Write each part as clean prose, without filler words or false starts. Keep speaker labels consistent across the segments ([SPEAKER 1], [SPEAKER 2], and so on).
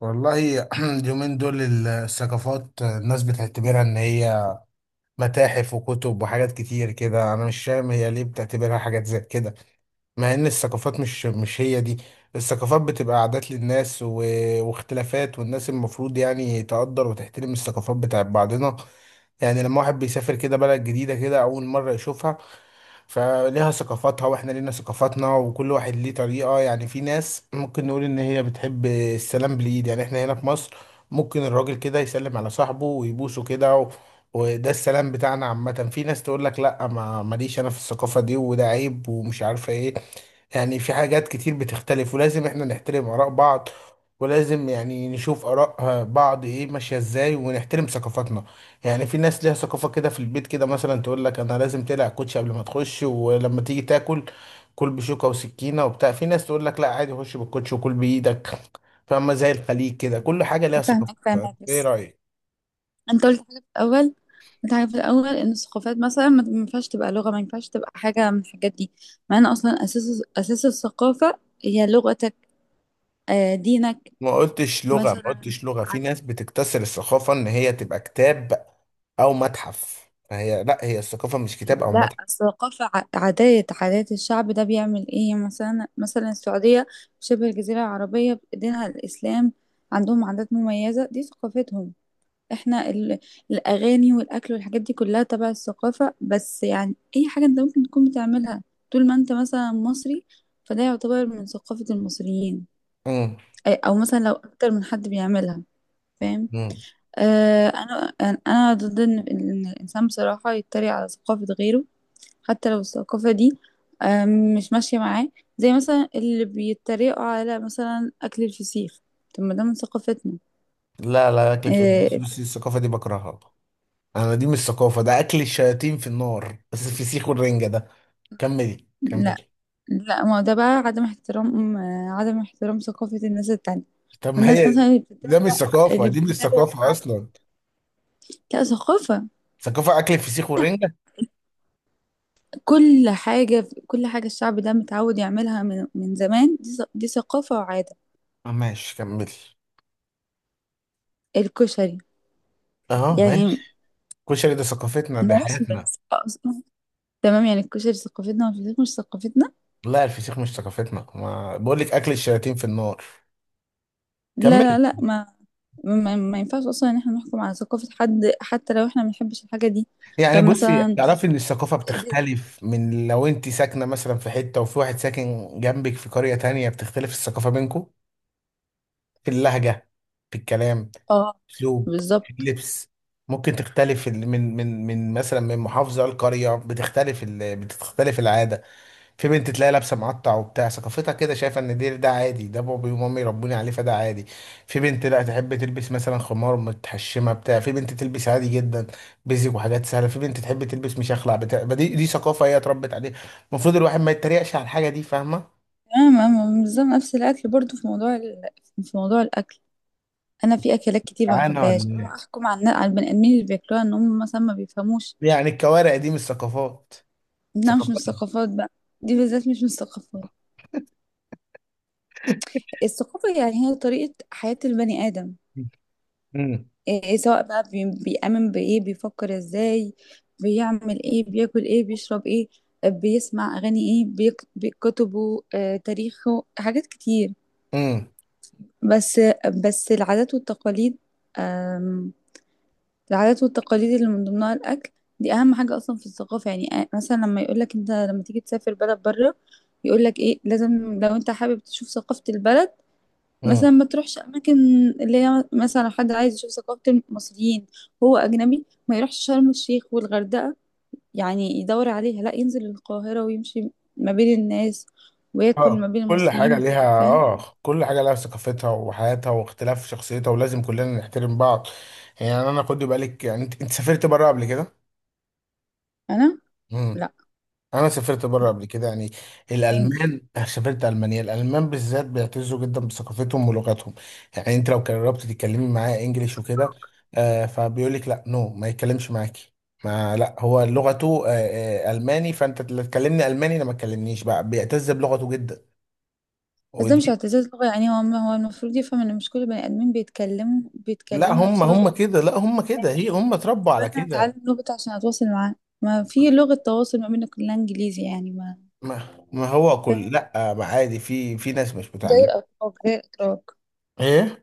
[SPEAKER 1] والله، اليومين دول الثقافات الناس بتعتبرها ان هي متاحف وكتب وحاجات كتير كده. انا مش فاهم هي ليه بتعتبرها حاجات زي كده، مع ان الثقافات مش هي دي. الثقافات بتبقى عادات للناس واختلافات، والناس المفروض يعني تقدر وتحترم الثقافات بتاعت بعضنا. يعني لما واحد بيسافر كده بلد جديدة كده أول مرة يشوفها، فليها ثقافاتها واحنا لينا ثقافاتنا وكل واحد ليه طريقة. يعني في ناس ممكن نقول ان هي بتحب السلام باليد، يعني احنا هنا في مصر ممكن الراجل كده يسلم على صاحبه ويبوسه كده، وده السلام بتاعنا. عامة في ناس تقول لك لا، ما ماليش انا في الثقافة دي، وده عيب ومش عارفة ايه. يعني في حاجات كتير بتختلف، ولازم احنا نحترم آراء بعض، ولازم يعني نشوف آراء بعض ايه ماشية ازاي، ونحترم ثقافاتنا. يعني في ناس ليها ثقافة كده في البيت، كده مثلا تقول لك انا لازم تقلع الكوتشي قبل ما تخش، ولما تيجي تاكل، كل بشوكة وسكينة وبتاع. في ناس تقول لك لا، عادي خش بالكوتشي وكل بإيدك. فاهمة؟ زي الخليج كده، كل حاجة ليها
[SPEAKER 2] فاهمك
[SPEAKER 1] ثقافتها.
[SPEAKER 2] فاهمك
[SPEAKER 1] ايه
[SPEAKER 2] بس
[SPEAKER 1] رأيك؟
[SPEAKER 2] انت قلت حاجه في الاول. ان الثقافات مثلا ما ينفعش تبقى لغه، ما ينفعش تبقى حاجه من الحاجات دي، مع ان اصلا اساس الثقافه هي لغتك، دينك
[SPEAKER 1] ما قلتش لغة ما
[SPEAKER 2] مثلا.
[SPEAKER 1] قلتش لغة في ناس بتكتسر الثقافة ان هي تبقى كتاب او متحف، فهي لا، هي الثقافة مش كتاب او
[SPEAKER 2] لا
[SPEAKER 1] متحف.
[SPEAKER 2] الثقافه عادات الشعب ده بيعمل ايه. مثلا السعوديه، شبه الجزيره العربيه، دينها الاسلام، عندهم عادات مميزه، دي ثقافتهم. احنا ال... الاغاني والاكل والحاجات دي كلها تبع الثقافه. بس اي حاجه انت ممكن تكون بتعملها طول ما انت مثلا مصري، فده يعتبر من ثقافه المصريين.
[SPEAKER 1] امم.
[SPEAKER 2] او مثلا لو اكتر من حد بيعملها، فاهم.
[SPEAKER 1] امم.
[SPEAKER 2] آه انا انا أنا ضد ان الانسان بصراحه يتريق على ثقافه غيره، حتى لو الثقافه دي آه مش ماشيه معاه. زي مثلا اللي بيتريقوا على مثلا اكل الفسيخ. طب ما ده من ثقافتنا.
[SPEAKER 1] لا، لا، اكل، في، بص
[SPEAKER 2] آه.
[SPEAKER 1] بص الثقافه دي بكرهها. انا دي مش ثقافه، ده اكل الشياطين في النار، بس الفسيخ والرنجه ده. كملي،
[SPEAKER 2] لا
[SPEAKER 1] كملي.
[SPEAKER 2] لا ما هو ده بقى عدم احترام، عدم احترام ثقافة الناس التانية.
[SPEAKER 1] طب ما
[SPEAKER 2] والناس
[SPEAKER 1] هي،
[SPEAKER 2] مثلا اللي
[SPEAKER 1] ده
[SPEAKER 2] بتتريق،
[SPEAKER 1] مش ثقافه،
[SPEAKER 2] اللي
[SPEAKER 1] دي مش
[SPEAKER 2] بتتريق
[SPEAKER 1] ثقافه
[SPEAKER 2] على،
[SPEAKER 1] اصلا،
[SPEAKER 2] لا ثقافة.
[SPEAKER 1] ثقافه اكل الفسيخ والرنجه؟
[SPEAKER 2] كل حاجة الشعب ده متعود يعملها من زمان، دي ثقافة وعادة.
[SPEAKER 1] آه، ماشي، كملي.
[SPEAKER 2] الكشري
[SPEAKER 1] اه،
[SPEAKER 2] يعني.
[SPEAKER 1] ماشي. الكشري ده ثقافتنا، دي
[SPEAKER 2] ناس
[SPEAKER 1] حياتنا.
[SPEAKER 2] بس أصلاً. تمام، يعني الكشري ثقافتنا والفسيخ مش ثقافتنا.
[SPEAKER 1] لا، الفسيخ مش ثقافتنا، ما بقول لك اكل الشياطين في النار.
[SPEAKER 2] لا لا
[SPEAKER 1] كملي.
[SPEAKER 2] لا ما، ما ينفعش اصلا ان احنا نحكم على ثقافة حد حتى لو احنا ما بنحبش الحاجة دي.
[SPEAKER 1] يعني
[SPEAKER 2] طب
[SPEAKER 1] بصي،
[SPEAKER 2] مثلا.
[SPEAKER 1] تعرفي ان الثقافة بتختلف. من لو انت ساكنة مثلا في حتة، وفي واحد ساكن جنبك في قرية تانية، بتختلف الثقافة بينكم، في اللهجة، في الكلام، في
[SPEAKER 2] اه.
[SPEAKER 1] الأسلوب، في
[SPEAKER 2] بالظبط.
[SPEAKER 1] اللبس. ممكن تختلف من مثلا، من محافظة لقرية بتختلف العادة. في بنت تلاقي لابسه معطع وبتاع، ثقافتها كده شايفه ان ده عادي، ده بابي ومامي ربوني عليه فده عادي. في بنت لا تحب تلبس مثلا خمار متحشمه بتاع، في بنت تلبس عادي جدا بيزك وحاجات سهله، في بنت تحب تلبس مشخلع بتاع. ما دي ثقافه هي اتربت عليها. المفروض الواحد ما يتريقش على الحاجه دي. فاهمه؟
[SPEAKER 2] تمام، أنا بالظبط نفس الاكل برضو. في موضوع الاكل، انا في اكلات كتير ما
[SPEAKER 1] جعانة ولا
[SPEAKER 2] بحبهاش اروح
[SPEAKER 1] ايه؟
[SPEAKER 2] احكم على على البني ادمين اللي بياكلوها ان هم مثلا ما بيفهموش
[SPEAKER 1] يعني الكوارع دي مش ثقافات.
[SPEAKER 2] انها مش من
[SPEAKER 1] ثقافات.
[SPEAKER 2] الثقافات بقى. دي بالذات مش من الثقافات. الثقافه يعني هي طريقه حياه البني ادم.
[SPEAKER 1] امم.
[SPEAKER 2] إيه إيه، سواء بقى بيامن بايه، بيفكر ازاي، بيعمل ايه، بياكل ايه، بيشرب ايه، بيسمع اغاني ايه، بكتبه، تاريخه، حاجات كتير. بس بس العادات والتقاليد، العادات والتقاليد اللي من ضمنها الأكل، دي أهم حاجة أصلا في الثقافة. مثلا لما يقولك أنت لما تيجي تسافر بلد بره، يقولك إيه لازم لو أنت حابب تشوف ثقافة البلد مثلا
[SPEAKER 1] امم.
[SPEAKER 2] ما تروحش أماكن اللي هي مثلا. لو حد عايز يشوف ثقافة المصريين، هو أجنبي، ما يروحش شرم الشيخ والغردقة يعني يدور عليها، لا ينزل القاهرة ويمشي ما بين الناس وياكل ما
[SPEAKER 1] اه
[SPEAKER 2] بين
[SPEAKER 1] كل
[SPEAKER 2] المصريين
[SPEAKER 1] حاجة ليها
[SPEAKER 2] وكده، فاهم.
[SPEAKER 1] اه كل حاجة ليها ثقافتها وحياتها واختلاف شخصيتها، ولازم كلنا نحترم بعض. يعني انا، خدي بالك، يعني انت سافرت بره قبل كده؟
[SPEAKER 2] أنا؟
[SPEAKER 1] امم.
[SPEAKER 2] لا.
[SPEAKER 1] انا سافرت بره
[SPEAKER 2] لا،
[SPEAKER 1] قبل كده، يعني
[SPEAKER 2] فاهم.
[SPEAKER 1] الالمان، سافرت المانيا، الالمان بالذات بيعتزوا جدا بثقافتهم ولغتهم. يعني انت لو قربت تتكلمي معاه انجليش وكده، فبيقول لك لا، نو، ما يتكلمش معاكي. ما، لا، هو لغته الماني، فانت لا تكلمني الماني، لا ما تكلمنيش، بقى بيعتز بلغته جدا.
[SPEAKER 2] بس ده مش
[SPEAKER 1] ودي...
[SPEAKER 2] اعتزاز لغة، يعني هو المفروض يفهم ان مش كل بني ادمين بيتكلموا
[SPEAKER 1] لا
[SPEAKER 2] بيتكلموا
[SPEAKER 1] هم
[SPEAKER 2] نفس
[SPEAKER 1] هم
[SPEAKER 2] لغته.
[SPEAKER 1] كده، لا هم كده، هي
[SPEAKER 2] يعني
[SPEAKER 1] هم
[SPEAKER 2] طب
[SPEAKER 1] اتربوا على
[SPEAKER 2] انا اتعلم
[SPEAKER 1] كده.
[SPEAKER 2] لغة عشان اتواصل معاه. ما في لغة تواصل ما بيننا كلها انجليزي يعني ما.
[SPEAKER 1] ما هو كل،
[SPEAKER 2] فاهم.
[SPEAKER 1] لا ما عادي، في ناس مش
[SPEAKER 2] زي
[SPEAKER 1] متعلمة.
[SPEAKER 2] الاتراك زي الاتراك
[SPEAKER 1] ايه.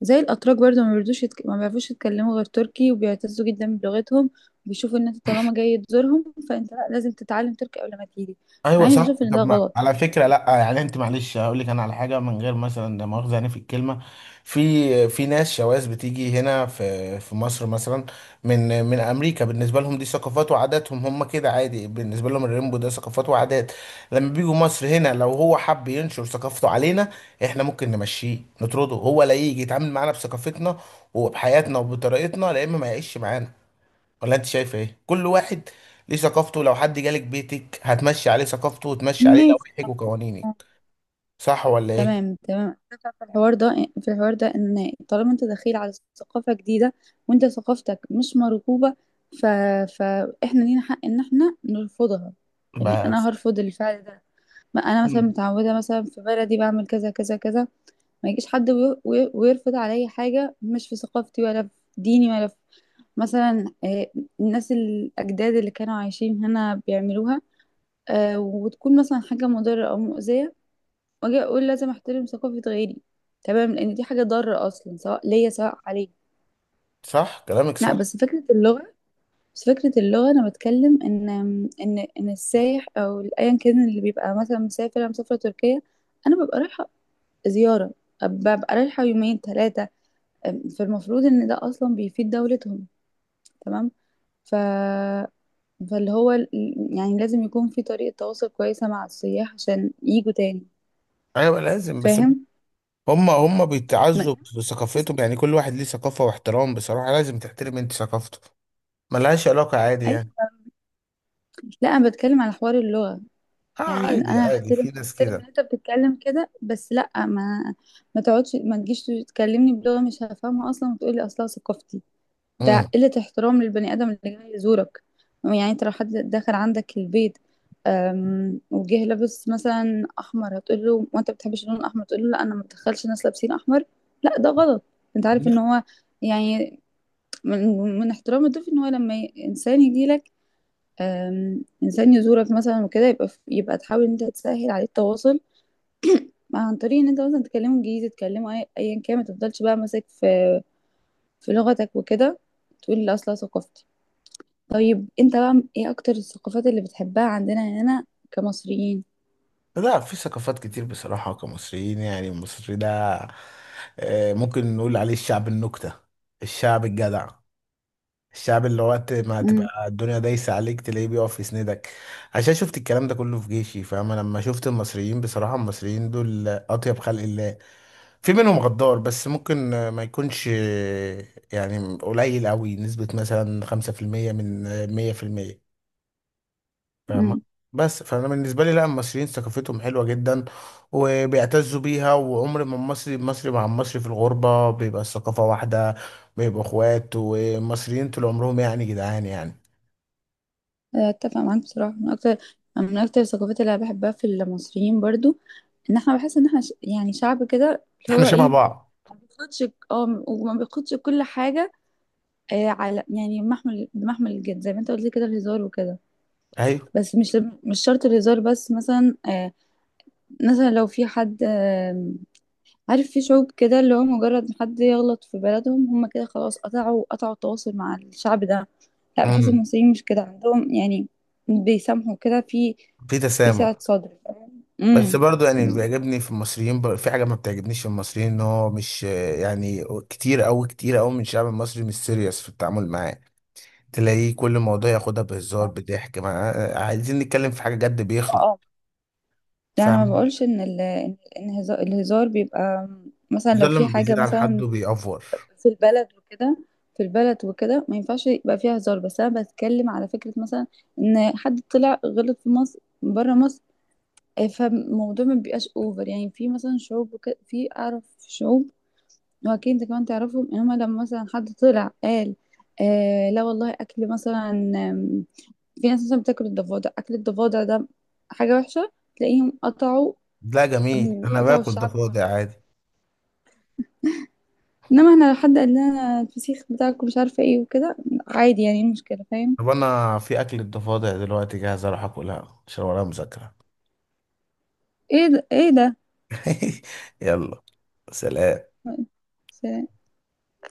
[SPEAKER 2] زي الاتراك برضه ما بيردوش ما بيعرفوش يتكلموا غير تركي، وبيعتزوا جدا بلغتهم. بيشوفوا ان انت طالما جاي تزورهم، فانت لا لازم تتعلم تركي قبل ما تيجي.
[SPEAKER 1] ايوه
[SPEAKER 2] يعني
[SPEAKER 1] صح.
[SPEAKER 2] بشوف ان ده
[SPEAKER 1] طب ما
[SPEAKER 2] غلط
[SPEAKER 1] على فكره،
[SPEAKER 2] يعني.
[SPEAKER 1] لا يعني انت معلش هقول لك انا على حاجه من غير مثلا، ده مؤاخذه يعني في الكلمه. في ناس شواذ بتيجي هنا في مصر مثلا، من امريكا. بالنسبه لهم دي ثقافات وعاداتهم، هم كده عادي، بالنسبه لهم الريمبو ده ثقافات وعادات. لما بيجوا مصر هنا، لو هو حب ينشر ثقافته علينا، احنا ممكن نمشيه نطرده. هو لا، يجي يتعامل معانا بثقافتنا وبحياتنا وبطريقتنا، لا. اما ما يعيش معانا، ولا انت شايفه ايه؟ كل واحد ليه ثقافته. لو حد جالك بيتك هتمشي عليه ثقافته، وتمشي عليه
[SPEAKER 2] ماشي.
[SPEAKER 1] لوائحك
[SPEAKER 2] صح.
[SPEAKER 1] وقوانينك. صح ولا ايه؟
[SPEAKER 2] تمام أنا في الحوار ده، ان طالما انت دخيل على ثقافة جديدة، وانت ثقافتك مش مرغوبة، ف... فاحنا لينا حق ان احنا نرفضها. يعني
[SPEAKER 1] بس.
[SPEAKER 2] انا هرفض الفعل ده. ما انا مثلا
[SPEAKER 1] مم.
[SPEAKER 2] متعودة مثلا في بلدي بعمل كذا كذا كذا. ما يجيش حد ويرفض عليا حاجة مش في ثقافتي ولا في ديني ولا في مثلا. الناس الأجداد اللي كانوا عايشين هنا بيعملوها، وتكون مثلا حاجة مضرة أو مؤذية، واجي اقول لازم احترم ثقافة غيري. تمام، لان دي حاجة ضارة اصلا سواء ليا سواء عليا.
[SPEAKER 1] صح، كلامك
[SPEAKER 2] لا
[SPEAKER 1] صح.
[SPEAKER 2] بس فكرة اللغة، انا بتكلم ان السايح او ايا كان اللي بيبقى مثلا مسافر، انا مسافرة تركيا، انا ببقى رايحة زيارة، ببقى رايحة يومين ثلاثة، فالمفروض ان ده اصلا بيفيد دولتهم. تمام. ف، فاللي هو ال- يعني لازم يكون في طريقة تواصل كويسة مع السياح عشان يجوا تاني.
[SPEAKER 1] ايوه لازم. بس
[SPEAKER 2] فاهم.
[SPEAKER 1] هم
[SPEAKER 2] ما-
[SPEAKER 1] بيتعزوا بثقافتهم، يعني كل واحد ليه ثقافة واحترام، بصراحة لازم تحترم انت ثقافته، ملهاش علاقة، عادي
[SPEAKER 2] اي،
[SPEAKER 1] يعني.
[SPEAKER 2] لا انا بتكلم على حوار اللغة.
[SPEAKER 1] اه،
[SPEAKER 2] يعني إن
[SPEAKER 1] عادي
[SPEAKER 2] انا
[SPEAKER 1] عادي،
[SPEAKER 2] هحترم
[SPEAKER 1] في ناس
[SPEAKER 2] هحترم ان
[SPEAKER 1] كده.
[SPEAKER 2] انت بتتكلم كده، بس لا ما، ما تقعدش ما تجيش تكلمني بلغة مش هفهمها اصلا وتقول لي اصلها ثقافتي.
[SPEAKER 1] امم.
[SPEAKER 2] ده قلة احترام للبني ادم اللي جاي يزورك. يعني انت لو حد دخل عندك البيت، وجه لابس مثلا احمر، هتقول له وانت بتحبش اللون الاحمر، تقول له لا انا ما بدخلش ناس لابسين احمر. لا ده غلط. انت عارف ان
[SPEAKER 1] لا،
[SPEAKER 2] هو يعني من احترام الضيف ان هو انسان يجي لك، انسان يزورك مثلا وكده، يبقى تحاول ان انت تسهل عليه التواصل عن طريق ان انت مثلا تكلمه انجليزي، تكلمه ايا كان. ما تفضلش بقى ماسك في لغتك وكده، تقول لا اصلا ثقافتي. طيب انت بقى ايه اكتر الثقافات اللي بتحبها عندنا هنا كمصريين.
[SPEAKER 1] لا، في ثقافات كتير بصراحة كمصريين. يعني المصري ده، آه، ممكن نقول عليه الشعب النكتة، الشعب الجدع، الشعب اللي وقت ما
[SPEAKER 2] امم.
[SPEAKER 1] تبقى الدنيا دايسة عليك تلاقيه بيقف يسندك. عشان شفت الكلام ده كله في جيشي، فاهم؟ أنا لما شفت المصريين بصراحة، المصريين دول أطيب خلق الله. في منهم غدار بس، ممكن، ما يكونش، يعني قليل أوي، نسبة مثلا 5% من 100%. فاهمة؟
[SPEAKER 2] امم.
[SPEAKER 1] بس فأنا بالنسبة لي لا، المصريين ثقافتهم حلوة جدا وبيعتزوا بيها، وعمر ما المصري مع المصري في الغربة، بيبقى الثقافة واحدة، بيبقوا اخوات ومصريين طول عمرهم، يعني جدعان يعني.
[SPEAKER 2] اتفق معاك بصراحه، من اكتر الثقافات اللي انا بحبها في المصريين برضو، ان احنا بحس ان احنا يعني شعب كده، اللي
[SPEAKER 1] احنا
[SPEAKER 2] هو
[SPEAKER 1] شبه
[SPEAKER 2] ايه،
[SPEAKER 1] بعض.
[SPEAKER 2] ما بياخدش. اه، وما بياخدش كل حاجه على يعني محمل، بمحمل الجد، زي ما انت قلت لي كده الهزار وكده.
[SPEAKER 1] ايوه.
[SPEAKER 2] بس مش، مش شرط الهزار، بس مثلا، مثلا لو في حد، عارف في شعوب كده اللي هو مجرد ما حد يغلط في بلدهم هم كده خلاص، قطعوا التواصل مع الشعب ده. لا بحس
[SPEAKER 1] امم.
[SPEAKER 2] المصريين مش كده عندهم يعني، بيسامحوا كده في،
[SPEAKER 1] في
[SPEAKER 2] في سعة
[SPEAKER 1] تسامح.
[SPEAKER 2] صدر. فاهم.
[SPEAKER 1] بس
[SPEAKER 2] امم.
[SPEAKER 1] برضو، يعني اللي
[SPEAKER 2] بالظبط.
[SPEAKER 1] بيعجبني في المصريين، في حاجة ما بتعجبنيش في المصريين، ان هو مش يعني، كتير أوي كتير أوي من الشعب المصري مش سيريس في التعامل معاه. تلاقيه كل موضوع ياخدها بهزار
[SPEAKER 2] اه.
[SPEAKER 1] بضحك، ما عايزين نتكلم في حاجة جد بيخلق.
[SPEAKER 2] اه، ده انا ما
[SPEAKER 1] فاهم؟
[SPEAKER 2] بقولش ان الهزار بيبقى مثلا
[SPEAKER 1] ده
[SPEAKER 2] لو
[SPEAKER 1] لما
[SPEAKER 2] في حاجة
[SPEAKER 1] بيزيد عن
[SPEAKER 2] مثلا
[SPEAKER 1] حده بيأفور.
[SPEAKER 2] في البلد وكده في البلد وكده ما ينفعش يبقى فيها هزار. بس انا بتكلم على فكره مثلا ان حد طلع غلط في مصر بره مصر، فالموضوع ما بيبقاش اوفر. يعني في مثلا شعوب وكده، في اعرف شعوب واكيد انت كمان تعرفهم، ان هما لما مثلا حد طلع قال لا والله اكل مثلا، في ناس مثلا بتاكل الضفادع، اكل الضفادع ده حاجه وحشه، تلاقيهم قطعوا
[SPEAKER 1] لا جميل، انا
[SPEAKER 2] قطعوا
[SPEAKER 1] باكل
[SPEAKER 2] الشعب
[SPEAKER 1] ضفادع
[SPEAKER 2] كله.
[SPEAKER 1] عادي.
[SPEAKER 2] انما احنا لو حد قال لنا الفسيخ بتاعكم مش عارفه ايه وكده، عادي يعني إيه المشكله. فاهم.
[SPEAKER 1] طب انا في اكل الضفادع دلوقتي جاهز اروح اكلها عشان ورايا مذاكرة.
[SPEAKER 2] ايه ده.
[SPEAKER 1] يلا، سلام.
[SPEAKER 2] سلام.